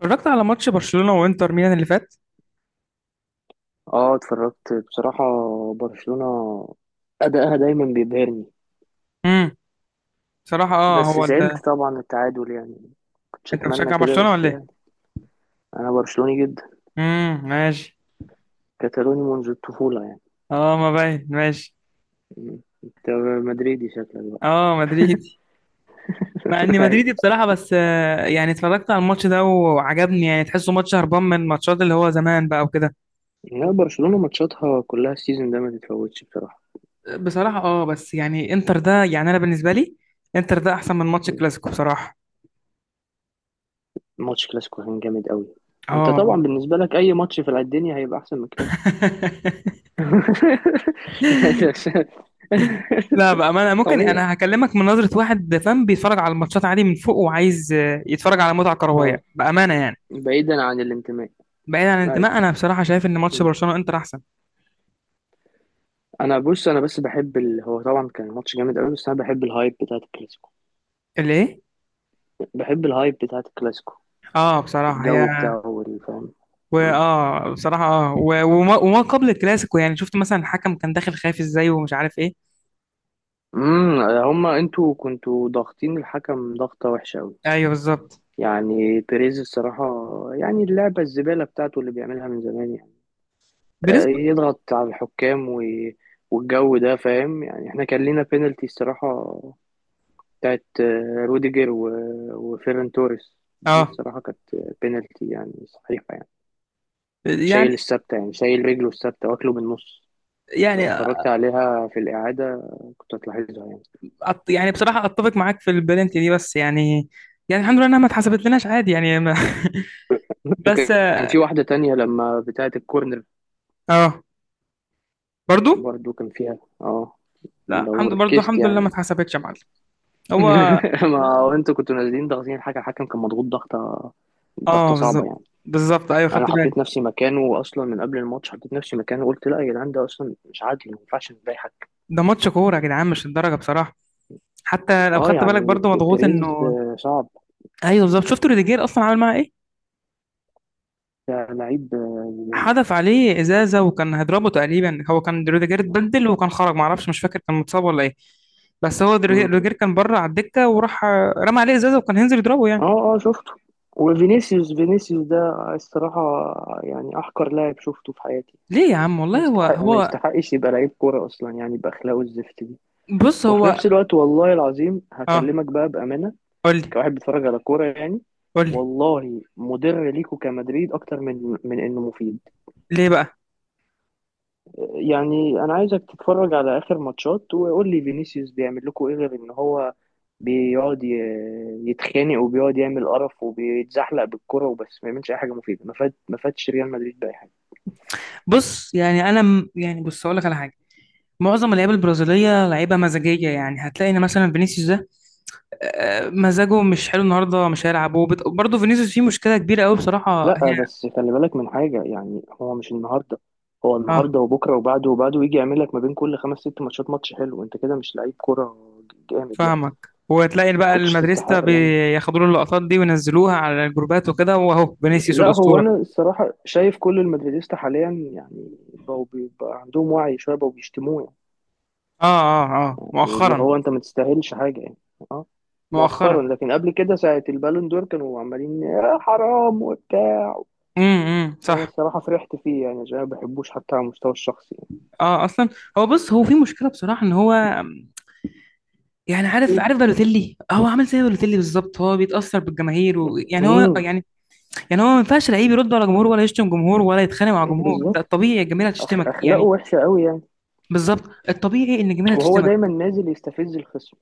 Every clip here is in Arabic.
اتفرجت على ماتش برشلونة وانتر ميلان اللي فات. اه اتفرجت بصراحة. برشلونة أداءها دايما بيبهرني. امم بصراحة بس هو زعلت طبعا التعادل يعني كنتش انت أتمنى بتشجع كده برشلونة بس ولا ايه؟ يعني. أنا برشلوني جدا، ماشي. كتالوني منذ الطفولة يعني. اه، ما باين، ماشي. م. أنت مدريدي شكلك بقى؟ اه، مدريدي. مع اني مدريدي أيوة. بصراحة، بس يعني اتفرجت على الماتش ده وعجبني، يعني تحسه ماتش هربان من الماتشات اللي هو زمان بقى وكده. لا برشلونة ماتشاتها كلها السيزون ده ما تتفوتش بصراحة. بصراحة اه، بس يعني انتر ده، يعني انا بالنسبة لي انتر ده احسن من ماتش م. الكلاسيكو بصراحة. ماتش كلاسيكو كان جامد قوي. انت طبعا اه. بالنسبة لك اي ماتش في الدنيا هيبقى احسن من كلاسيكو. يعني لا بقى، ما انا ممكن طبيعي. انا هكلمك من نظرة واحد فاهم، بيتفرج على الماتشات عادي من فوق وعايز يتفرج على متعة اه، كروية بأمانة يعني. بعيدا عن الانتماء. بعيد عن الانتماء، ايوه. انا بصراحة شايف ان ماتش برشلونة انتر احسن. انا بص انا بس بحب هو طبعا كان ماتش جامد قوي بس انا بحب الهايب بتاعت الكلاسيكو. اللي ايه؟ بحب الهايب بتاعت الكلاسيكو. اه، بصراحة هي. الجو بتاعه والفهم. واه، بصراحة اه، وما قبل الكلاسيكو، يعني شفت مثلا الحكم كان داخل خايف ازاي ومش عارف ايه. هما انتوا كنتوا ضاغطين الحكم ضغطة وحشة قوي. ايوه بالظبط. يعني بيريز الصراحة، يعني اللعبة الزبالة بتاعته اللي بيعملها من زمان يعني بنسبة. يضغط على الحكام والجو ده، فاهم؟ يعني احنا كان لينا بينالتي الصراحة بتاعت روديجر وفيران توريس، دي اه الصراحة كانت بينالتي يعني صحيحة يعني. يعني، شايل الثابتة يعني شايل رجله الثابتة واكله بالنص. لو يعني اتفرجت عليها في الإعادة كنت هتلاحظها يعني. يعني بصراحة اتفق معاك في البلنتي دي، بس يعني، يعني الحمد لله انها ما اتحسبت لناش، عادي يعني، بس. وكان في واحدة تانية لما بتاعة الكورنر اه، برضو. برضو كان فيها لا لو الحمد، برضه ركزت الحمد لله ما يعني. اتحسبتش يا معلم. هو. ما هو انتوا كنتوا نازلين ضاغطين حاجة. الحكم كان مضغوط ضغطة، ضغطة اه صعبة بالظبط. يعني. بالظبط، ايوه أنا خدت بالي. حطيت نفسي مكانه أصلا من قبل الماتش، حطيت نفسي مكانه، قلت لا يا جدعان ده أصلا مش عادي، ما ينفعش نضايق حكم. ده ماتش كوره يا جدعان، مش الدرجه بصراحه. حتى لو اه خدت بالك يعني برضه، مضغوط بيريز انه. صعب. ايوه بالظبط. شفت روديجير اصلا عامل معاه ايه؟ ده لعيب حدف عليه ازازه وكان هيضربه تقريبا. هو كان روديجير زبالة. اتبدل وكان خرج، ما اعرفش مش فاكر كان متصاب ولا ايه. بس هو روديجير كان بره على الدكه وراح رمى عليه ازازه وكان هينزل يضربه يعني. اه اه شفته. وفينيسيوس فينيسيوس ده الصراحة يعني أحقر لاعب شفته في حياتي. ليه يا عم والله، هو ما هو يستحقش يبقى لعيب كورة أصلا يعني، بأخلاقه الزفت دي. بص وفي هو. نفس الوقت والله العظيم اه. هكلمك بقى بأمانة قول لي. كواحد بيتفرج على كورة يعني. قول لي. والله مضر ليكوا كمدريد أكتر من إنه مفيد. ليه بقى؟ يعني انا عايزك تتفرج على اخر ماتشات وقول لي فينيسيوس بيعمل لكم ايه غير ان هو بيقعد ي- يتخانق، وبيقعد يعمل قرف وبيتزحلق بالكرة وبس، ما يعملش اي حاجة مفيدة. ما فادش ريال مدريد بأي حاجة. بص يعني انا يعني بص، اقول لك على حاجه. معظم اللعيبه البرازيليه لعيبه مزاجيه، يعني هتلاقي ان مثلا فينيسيوس ده مزاجه مش حلو النهارده مش هيلعب. برضه فينيسيوس فيه مشكله كبيره قوي بصراحه لا هي. بس خلي بالك من حاجة، يعني هو مش النهاردة، هو اه النهاردة وبكرة وبعده وبعده، ويجي يعمل لك ما بين كل 5 6 ماتشات ماتش حلو. انت كده مش لعيب كرة جامد يعني. فاهمك. وتلاقي ما بقى كنتش المدريستا تستحق يعني. بياخدوا له اللقطات دي وينزلوها على الجروبات وكده، واهو فينيسيوس لا هو الاسطوره. انا الصراحه شايف كل المدريديستا حاليا يعني بقوا بيبقى عندهم وعي شويه بقوا بيشتموه يعني. اه يعني اللي مؤخرا. هو انت ما تستاهلش حاجه يعني. اه، مؤخرا مؤخرا. لكن قبل كده ساعه البالون دور كانوا عمالين يا حرام وبتاع. امم، انا صح. الصراحه فرحت فيه يعني عشان أنا ما بحبوش حتى على المستوى الشخصي. اه اصلا. هو بص، هو في مشكله بصراحه ان هو، يعني عارف، يعني. بالوتيلي، هو عامل زي بالوتيلي بالظبط. هو بيتاثر بالجماهير، ويعني هو مم. يعني، يعني هو ما ينفعش لعيب يرد على جمهور ولا يشتم جمهور ولا يتخانق مع جمهور. ده بالظبط. الطبيعي الجماهير هتشتمك اخلاقه يعني. وحشه قوي يعني. بالظبط. الطبيعي ان الجماهير وهو هتشتمك. دايما نازل يستفز الخصم.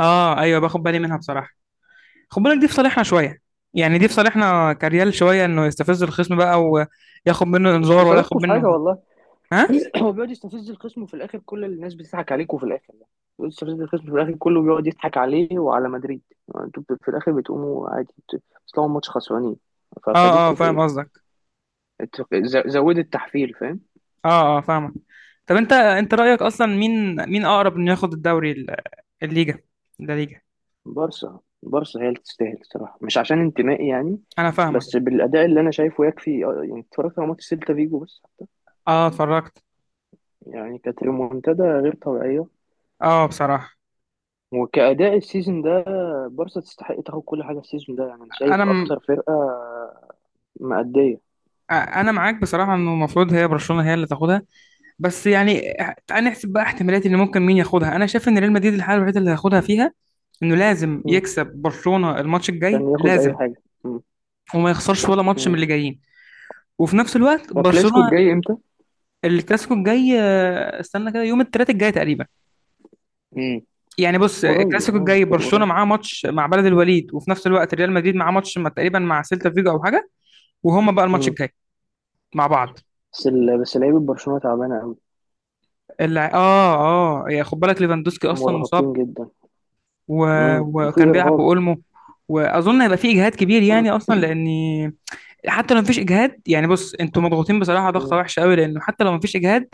اه ايوه، باخد بالي منها بصراحه. خد بالك، دي في صالحنا شويه. يعني دي في صالحنا كريال شويه، انه يستفز الخصم بقى وياخد منه مش في انذار ولا صالحكم ياخد في حاجه، منه. والله. ها. هو بيقعد يستفز الخصم وفي الاخر كل الناس بتضحك عليك، وفي الاخر يعني بيقعد يستفز الخصم في الاخر، كله بيقعد يضحك عليه وعلى مدريد. انتوا في الاخر بتقوموا عادي، بتطلعوا ماتش خسرانين. اه ففادتكم في فاهم ايه؟ قصدك. زودوا التحفيل، فاهم؟ اه اه فاهمك. طب انت، انت رايك اصلا مين، مين اقرب انه ياخد الدوري الليجا؟ ده ليجا. بارسا بارسا هي اللي تستاهل الصراحه، مش عشان انتمائي يعني. انا فاهمك. بس بالاداء اللي انا شايفه يكفي يعني اتفرجت على ماتش سيلتا فيجو بس حتى. اه اتفرجت. يعني كانت ريمونتادا غير طبيعيه. اه بصراحه. وكأداء السيزون ده بارسا تستحق تاخد كل حاجة السيزون ده، يعني أنا شايف انا أكتر فرقة مأدية. انا معاك بصراحه، انه المفروض هي برشلونه هي اللي تاخدها. بس يعني اه، تعال نحسب بقى احتمالات ان ممكن مين ياخدها. انا شايف ان ريال مدريد الحاله الوحيده اللي هياخدها فيها، انه لازم مم. يكسب برشلونه الماتش الجاي عشان ياخد اي لازم، حاجه. مم. وما يخسرش ولا ماتش من مم. اللي جايين. وفي نفس الوقت وكلاسيكو برشلونه، الجاي امتى؟ الكلاسيكو الجاي استنى كده، يوم الثلاث الجاي تقريبا. امم يعني بص، قريب الكلاسيكو يعني، الجاي في برشلونه القريب. معاه ماتش مع بلد الوليد، وفي نفس الوقت ريال مدريد معاه ماتش تقريبا مع سيلتا فيجو او حاجه. وهما بقى الماتش مم. الجاي مع بعض. بس لعيبه برشلونه تعبانه قوي. اه. اه يا خد بالك، ليفاندوسكي اصلا مصاب، مرهقين جدا. و... مم. وفي وكان بيلعب ارهاق. بأولمو، واظن هيبقى في اجهاد كبير يعني اصلا، لان حتى لو مفيش اجهاد، يعني بص انتوا مضغوطين بصراحه ضغطه مم. وحشه قوي، لانه حتى لو مفيش اجهاد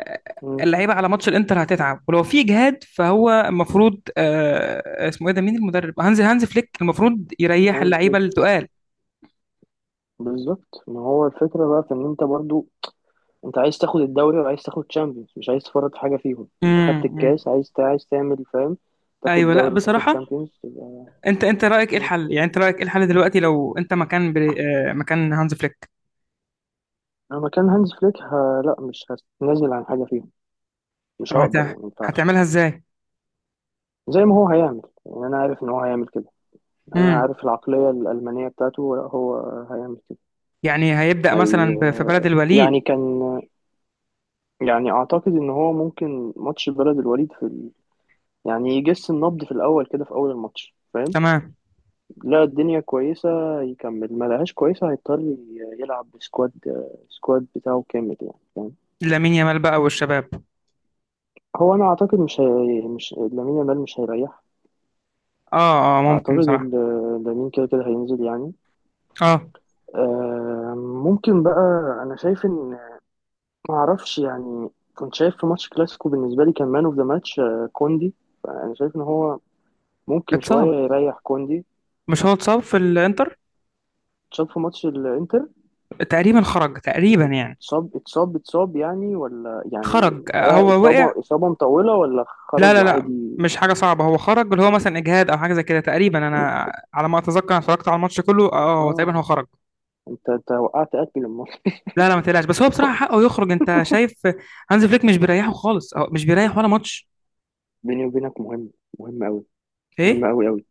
آه، مم. اللعيبه على ماتش الانتر هتتعب. ولو في اجهاد، فهو المفروض اسمه ايه ده، مين المدرب؟ هانز فليك المفروض يريح هانز اللعيبه فليك. التقال. بالظبط، ما هو الفكره بقى في ان انت برضو، انت عايز تاخد الدوري وعايز تاخد تشامبيونز، مش عايز تفرط في حاجه فيهم. انت خدت امم. الكاس، عايز تعمل، فاهم؟ تاخد ايوه لا دوري، تاخد بصراحه. تشامبيونز، تبقى. انت، انت رايك ايه مم. الحل؟ يعني انت رايك ايه الحل دلوقتي لو انت مكان بري... آه، مكان هانز فليك؟ انا مكان هانز فليك لا، مش هنزل عن حاجه فيهم. مش طب هقدر يعني، ما ينفعش. هتعملها ازاي؟ زي ما هو هيعمل، يعني انا عارف ان هو هيعمل كده. انا عارف العقلية الألمانية بتاعته، لا هو هيعمل كده. يعني هيبدأ هي مثلا في بلد الوليد؟ يعني كان يعني اعتقد ان هو ممكن ماتش بلد الوليد في يعني يجس النبض في الاول كده، في اول الماتش، فاهم؟ تمام. لا الدنيا كويسة يكمل، ما لهاش كويسة هيضطر يلعب بسكواد، سكواد بتاعه كامل يعني، فاهم؟ لامين يامال بقى والشباب. هو انا اعتقد مش لامين يامال مش هيريح. اه اه ممكن اعتقد بصراحة. لامين كده كده هينزل يعني. اه، ممكن بقى. انا شايف ان ما اعرفش يعني. كنت شايف في ماتش كلاسيكو بالنسبه لي كان مان اوف ذا ماتش كوندي. فانا شايف ان هو ممكن شويه اتصاب؟ يريح كوندي. مش هو اتصاب في الانتر؟ اتصاب في ماتش الانتر. تقريبا خرج تقريبا يعني. اتصاب اتصاب اتصاب يعني، ولا خرج يعني هو وقع. اصابه اصابه مطوله ولا لا خرج لا لا وعادي؟ مش حاجة صعبة، هو خرج اللي هو مثلا اجهاد او حاجة زي كده تقريبا. انا على ما اتذكر انا اتفرجت على الماتش كله، اه هو تقريبا اه، خرج. انت وقعت قتل الماتش. لا لا ما تقلقش، بس هو بصراحة حقه يخرج. انت شايف هانز فليك مش بيريحه خالص، اه مش بيريح ولا ماتش. بيني وبينك مهم. مهم قوي. مهم ايه؟ قوي قوي.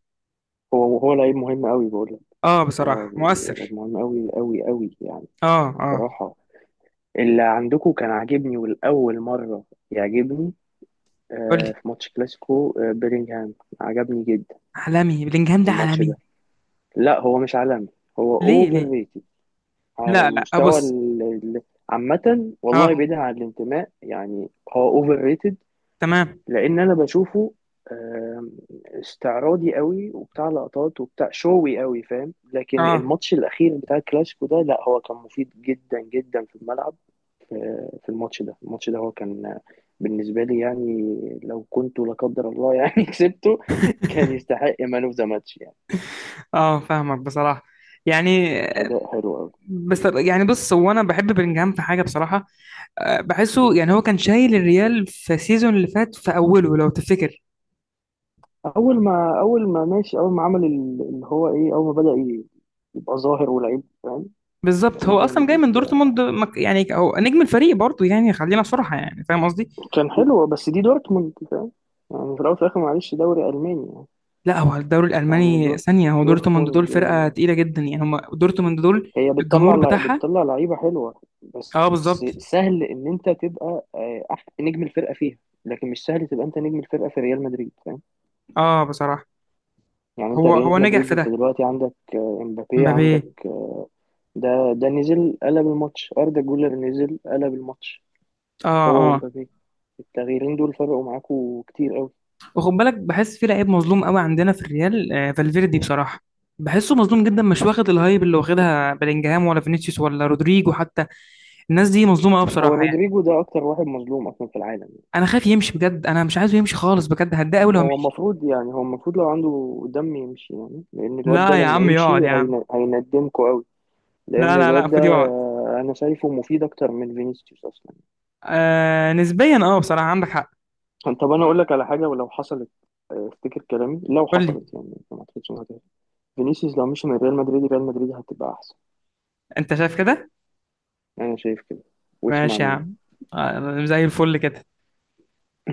هو لعيب مهم قوي بقول لك. اه بصراحة اه، لعيب مؤثر. مهم قوي قوي قوي يعني. اه اه. صراحه اللي عندكم كان عاجبني، والأول مرة يعجبني قول لي. في ماتش كلاسيكو بيلينغهام. عجبني جدا عالمي، بلينجهام في ده الماتش عالمي. ده. لا هو مش عالمي، هو ليه؟ اوفر ليه؟ ريتد. على لا لا المستوى ابص. عامة، والله اه. بعيدا عن الانتماء يعني. هو اوفر ريتد، تمام. لأن أنا بشوفه آه، استعراضي قوي وبتاع لقطات وبتاع شوي قوي، فاهم؟ لكن اه الماتش الأخير بتاع الكلاسيكو ده لا هو كان مفيد جدا جدا في الملعب. في الماتش ده، الماتش ده هو كان بالنسبة لي يعني، لو كنت لا قدر الله يعني كسبته كان يستحق مان اوف ذا ماتش يعني. اه فاهمك بصراحه. يعني أداء حلو أوي. بس يعني بص، هو انا بحب بلينجهام في حاجه بصراحه، بحسه مم. يعني هو كان شايل الريال في السيزون اللي فات في اوله لو تفتكر. أول ما ماشي، أول ما عمل اللي هو إيه، أول ما بدأ يبقى ظاهر ولعيب، فاهم؟ بالظبط. لعيب هو اصلا جامد جاي من وبتاع. دورتموند، يعني هو نجم الفريق برضه يعني، خلينا صراحه يعني، فاهم قصدي. كان حلو بس دي دورتموند، فاهم؟ يعني في الأول وفي الآخر معلش، دوري ألماني يعني. لا هو الدوري يعني الالماني ثانيه. هو دورتموند دول دورتموند فرقه تقيله جدا يعني، هم دورتموند دول. هي الجمهور بتطلع بتاعها. بتطلع لعيبه حلوه بس. اه بالظبط. سهل ان انت تبقى نجم الفرقه فيها. لكن مش سهل تبقى انت نجم الفرقه في ريال مدريد، فاهم؟ اه بصراحه. يعني انت هو ريال نجح مدريد، في انت ده، دلوقتي عندك امبابي، مبابي. عندك ده نزل قلب الماتش، اردا جولر نزل قلب الماتش اه هو اه. ومبابي. التغييرين دول فرقوا معاكوا كتير قوي. وخد بالك، بحس في لعيب مظلوم قوي عندنا في الريال، آه فالفيردي بصراحه. بحسه مظلوم جدا، مش واخد الهايب اللي واخدها بلينجهام ولا فينيسيوس ولا رودريجو حتى. الناس دي مظلومه قوي هو بصراحه يعني. رودريجو ده اكتر واحد مظلوم اصلا في العالم. انا خايف يمشي بجد، انا مش عايزه يمشي خالص بجد، هتضايق قوي لو هو مشي. المفروض يعني، هو المفروض لو عنده دم يمشي يعني، لان الواد ده لا يا لما عم يقعد يمشي يا عم. هيندمكوا قوي. لا لان لا لا الواد ده المفروض يقعد. انا شايفه مفيد اكتر من فينيسيوس اصلا. آه نسبيا، اه بصراحه عندك حق. طب انا اقول لك على حاجه، ولو حصلت افتكر كلامي. لو قول لي. حصلت يعني، ما اعتقدش انها هتحصل. فينيسيوس لو مشي من ريال مدريد، ريال مدريد هتبقى احسن. انت شايف كده؟ انا شايف كده، واسمع ماشي يا مني. عم. آه زي الفل كده.